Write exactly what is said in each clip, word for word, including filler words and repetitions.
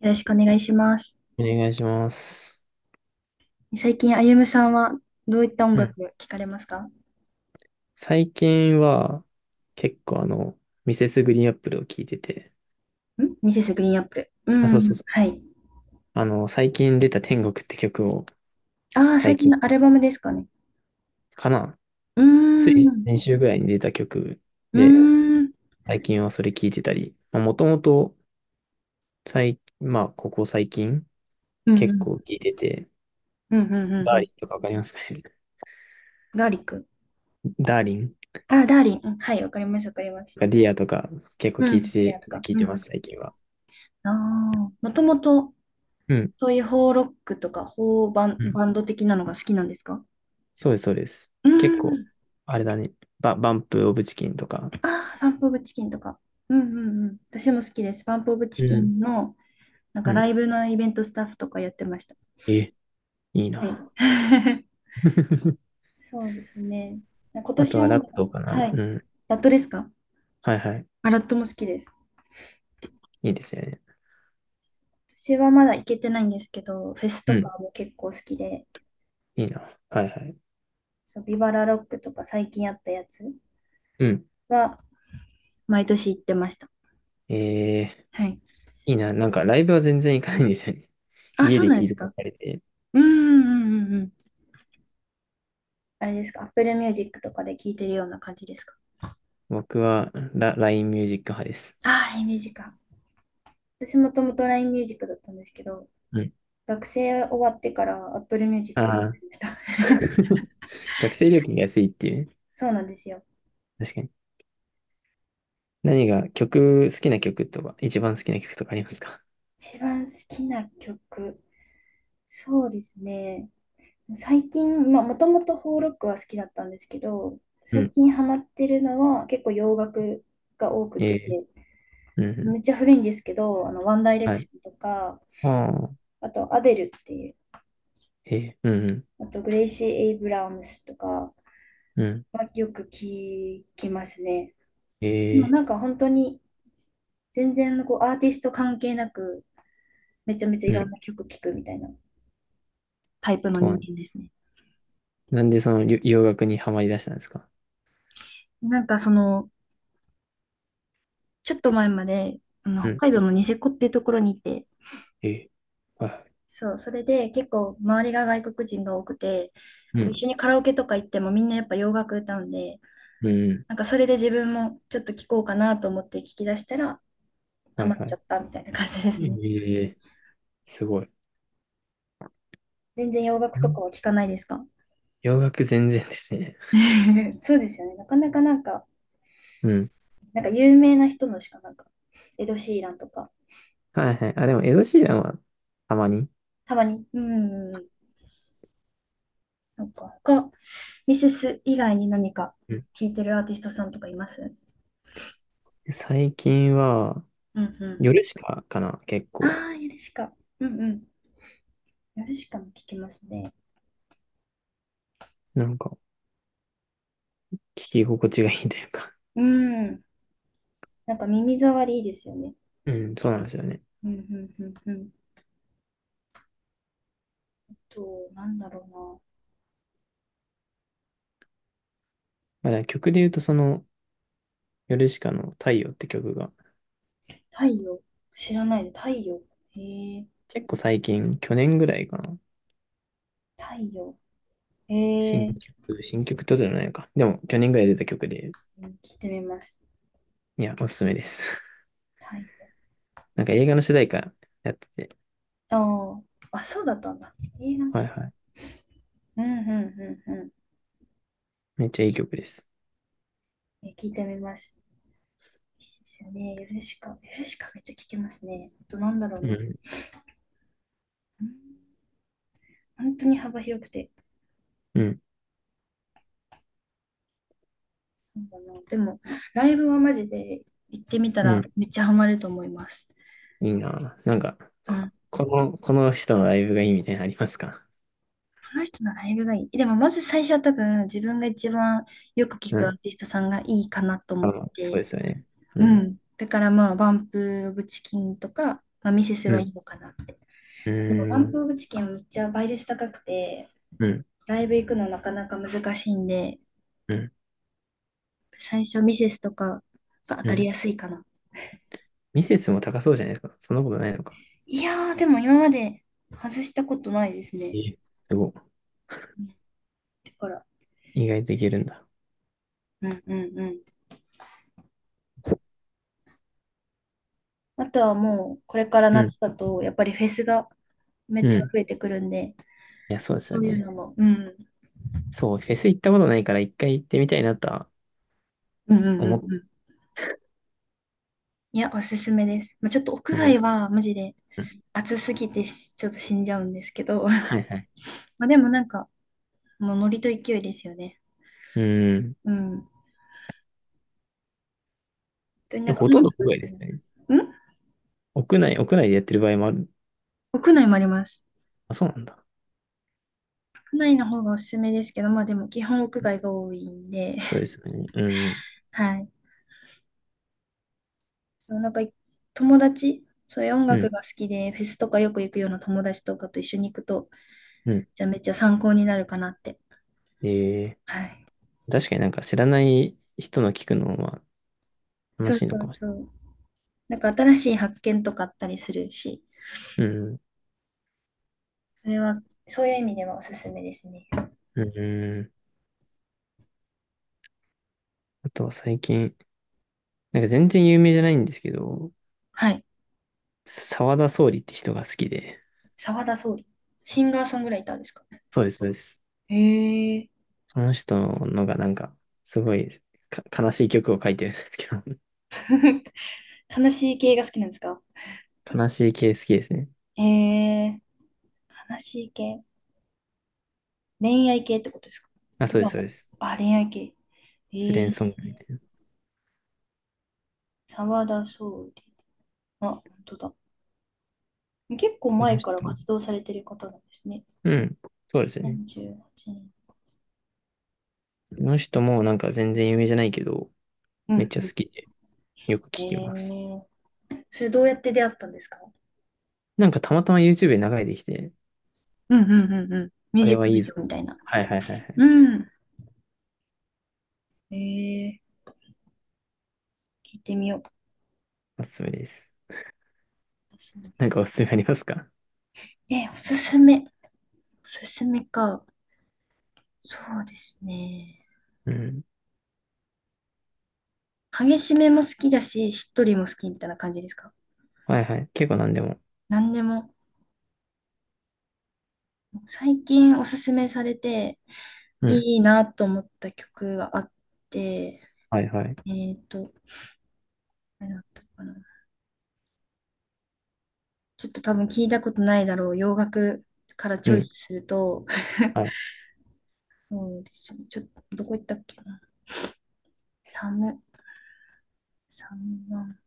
よろしくお願いします。お願いします。最近、あゆむさんはどういった音う楽ん。聴かれますか？最近は、結構あの、ミセスグリーンアップルを聴いてて、んミセスグリーンアップル。うあ、そうそうん、そう。はい。あの、最近出た天国って曲を、ああ、最最近近のアルバムですかね。かな。うーついん、先週ぐらいに出た曲うーで、ん、最近はそれ聴いてたり、まあ、もともと、最、まあ、ここ最近、うん、う結ん、構聴いてて、うん、うん、うダんーうリンとかわかりますかね？ ん。ガーリック。ダーリンああ、ダーリン。うん、はい、わかります、わかります。とかディアとか、結構う聴いてん。リアとて、か。聴いうてまん。す、最近は。ああ、もともと、うん。そういう邦ロックとか、邦バン、うん、バンド的なのが好きなんですか？そうです、そうです。う結構、ん。あれだね。バ、バンプ・オブ・チキンとか。ああ、パンプオブチキンとか。うんうんうん。私も好きです。パンプオブチうキん。ンの、なんうかラん。イブのイベントスタッフとかやってました。え、いいはい。な。そうですね。今あと年ははまラだ、ットかな。はい。うん。ラットですか？はいはい。あ、ラットも好きです。いいですよね。私はまだ行けてないんですけど、フェスうとん。かも結構好きで、いいな。はいはい。そう、ビバラロックとか最近やったやつうん。は毎年行ってました。えー、はい。いいな。なんかライブは全然行かないんですよね。あ、家そうでなん聴でいすてばっか？かりで。うんうんうんうんうん。あれですか？ Apple Music とかで聴いてるような感じですか？僕はラ、ライン ミュージック派です。ああ、ライン Music か。私もともと ライン Music だったんですけど、うん。学生終わってから Apple あ Music にあ。なりました。学生料金が安いっていうね。そうなんですよ。確かに。何が曲、好きな曲とか、一番好きな曲とかありますか？一番好きな曲、そうですね。最近、まあ、もともとフォーロックは好きだったんですけど、う最ん。近ハマってるのは結構洋楽が多くえて、ー、うんうめん。っちゃ古いんですけど、あの、ワンダイレはクい。ションとか、ああ、あと、アデルっていう、へえ、うん、あと、グレイシー・エイブラムスとかうん、うん、はよく聞きますね。へまあ、え、なんか本当に全然こうアーティスト関係なく、めちゃめちゃいうろんん、な曲聴くみたいな。タイプのと人は、間ですね。なんでそのりょ洋楽にはまり出したんですか？なんかそのちょっと前まで、あの、う北ん、海道のニセコっていうところにいて、へえ、はいはい、そう、それで結構周りが外国人が多くて、こうう一ん、緒にカラオケとか行ってもみんなやっぱ洋楽歌うんで、うん、うん、なんかそれで自分もちょっと聴こうかなと思って聞き出したら、ハはいマっはちゃい。ったみたいな感じですね。ええ、すごい。全然洋楽とよかは聞かないですか？ 洋楽全然ですね。そうですよね。なかなかなんか、うん。なんか有名な人のしかなんか、エド・シーランとか、はいはい。あ、でも、エド・シーランはたまに。たまに、うんうん、なんか他、ミセス以外に何かうん。聞いてるアーティストさんとかいます？最近は、うんうん、夜しかかな、結あ構。あ、ヨルシカ。うんうん。ヨルシカも聞きますね。なんか、聞き心地がいいというか。うん。なんか耳障りいいですよね。うん、そうなんですよね。うんうんうんうん。と、なんだろうな。まあ、だから曲で言うと、その、ヨルシカの太陽って曲が、太陽。知らないで、太陽。へえ、結構最近、去年ぐらいかな。太陽。へ新え、曲、新曲ってことじゃないのか。でも、去年ぐらい出た曲で、うん、聞いてみます。いや、おすすめです。太陽。なんか映画の主題歌やってて、ああ、あ、そうだったんだ。映画のはい人。はい。うんうんうんうん。めっちゃいい曲です。え、聞いてみます。いいですよね。ヨルシカ。ヨルシカめっちゃ聞きますね。あと、なんだろううな。ん、うん、本当に幅広くて。うん、なんかな、でも、ライブはマジで行ってみたうらん。めっちゃハマると思います。いいな。なんか、うこ、ん。ここの、この人のライブがいいみたいなのありますか？の人のライブがいい。でも、まず最初は多分自分が一番よく聞うくアーん。ティストさんがいいかなと思あ、っそうて。ですよね。ううん、ん。だからまあ、バンプ・オブ・チキンとか、まあ、ミセスうがん、いいのかなって。うでも、バーンん、プ・オブ・チキンはめっちゃ倍率高くて、うん、ライブ行くのなかなか難しいんで、うん、最初ミセスとかが当うたりん。やすいかな。ミセスも高そうじゃないですか。そんなことないのか。いやー、でも今まで外したことないですね。え、すごだから、い。意外といけるんだ。うんうんうん。あとはもう、これからうん、夏だと、やっぱりフェスがめっうちゃん。増えてくるんで、いや、そうですそよういうね。のも、うん、そう、フェス行ったことないから一回行ってみたいなとはうんうんう思っんうん。いや、おすすめです。まあ、ちょっと屋たんで外す。は、マジでうん。暑すぎてしちょっと死んじゃうんですけど、はいはい。まあでもなんか、もうノリと勢いですよね。うん。うん。本当になでんもかほ音とん楽ど屋が好外きですね。な。ん屋内、屋内でやってる場合もある。屋内もあります。あ、そうなんだ。屋内の方がおすすめですけど、まあでも基本屋外が多いんで、そうで すね。うん。はい。そうなんか、友達、そういう音う楽ん。が好きで、フェスとかよく行くような友達とかと一緒に行くと、うん。じゃあめっちゃ参考になるかなって。えはい。ー、確かになんか知らない人の聞くのは楽そうしいそのかうもしそう。なんか新しい発見とかあったりするし、れない。うん。それは、そういう意味ではおすすめですね。うん。あとは最近、なんか全然有名じゃないんですけど、はい。沢田総理って人が好きで。澤田総理。シンガーソングライターですか？そうです、そうです。へえ。その人のがなんか、すごいか悲しい曲を書いてるんですけど。悲しい系が好きなんですか？悲しい系好きですね。へえ。悲しい系。恋愛系ってことですか？あ、そうでではす、そうです。あ、恋愛系。え失ー、恋ソングみたい沢田総理。あ、本当だ。結構な。こ前のから人も。活動されてる方なんですね。うん。そうですよね。にせんじゅうはちねん。この人もなんか全然有名じゃないけど、うめっんちゃう好ん。きで、よく聞きます。え、それどうやって出会ったんですか？なんかたまたま YouTube で流れてきて、うんうんうんうん。ミュあージれッはクいビいデぞ。オみたいな。はいはいはいはい。うん。えー、聞いてみよう。おすすめです。そう。なんかおすすめありますか？えー、おすすめ。おすすめか。そうですね。うん。激しめも好きだし、しっとりも好きみたいな感じですか？はいはい。結構何でも。何でも。最近おすすめされて、うん。いいなと思った曲があって、はいはい。えっと、あれだったかな。ちょっと多分聞いたことないだろう。洋楽からチうョイスん。すると、はい。そうですね。ちょっと、どこ行ったっけな。サム、サムワン、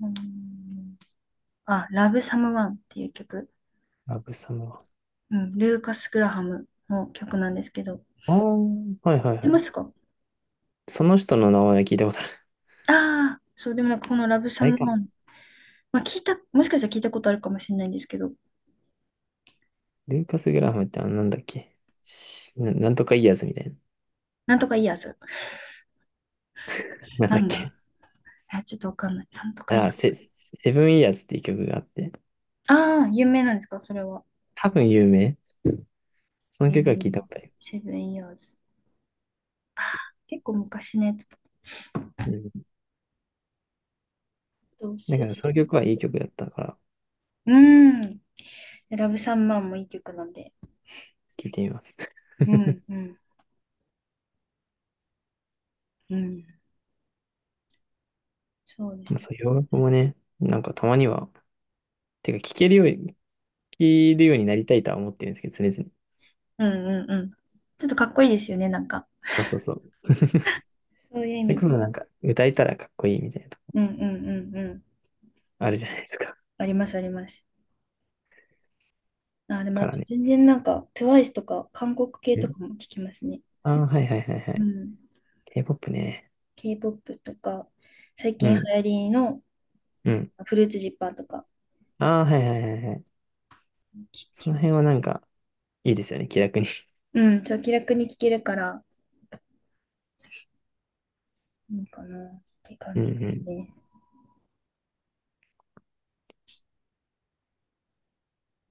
うん、あ、ラブサムワンっていう曲。ラブサムは。うん、ルーカス・グラハムの曲なんですけど。知っああ、はいはいてはまい。すか？その人の名前は聞いたことある。ああー、そう、でもなんかこのラブサあれムか。ワン、まあ聞いた、もしかしたら聞いたことあるかもしれないんですけど、ルーカス・グラハムってあのなんだっけ。しな、なんとかイヤーズみたいな。なんとかいいやつ。なんなだっんだけ。え、ちょっとわかんない。なんとかいあ、い。セ、セブンイヤーズっていう曲があって、ああ、有名なんですかそれは？多分有名。そえの曲は聞いたー、ことある。セブンイヤーズ。ああ、結構昔のやつ。うん。おだすからそすの曲はいい曲だったから、め。うん。ラブサムワンもいい曲なんで。聞いてみます。うん、うん、うん。そうでますあね。そう、洋楽もね、なんかたまには、てか聞けるように、聞けるようになりたいとは思ってるんですけど、常々。うんうんうん。ちょっとかっこいいですよね、なんか。そうそうそう。そういう意それ味こで。そなんか、歌えたらかっこいいみたいな、うんうんうんうん。あるじゃないですか。ありますあります。あ、でもかあらとね。全然なんか、トゥワイスとか韓国系うとん。かも聞きますね。ああ、はいはいはいはうい。ん。K-ケーポップ ね。K-ポップ とか、最う近流ん、行りのうん。フルーツジッパーとかああ、はいはいはいはい。聞そきのま辺す。はなんか、いいですよね、気楽に。うん、そう、気楽に聞けるからいいかなってう感んじでうすんね。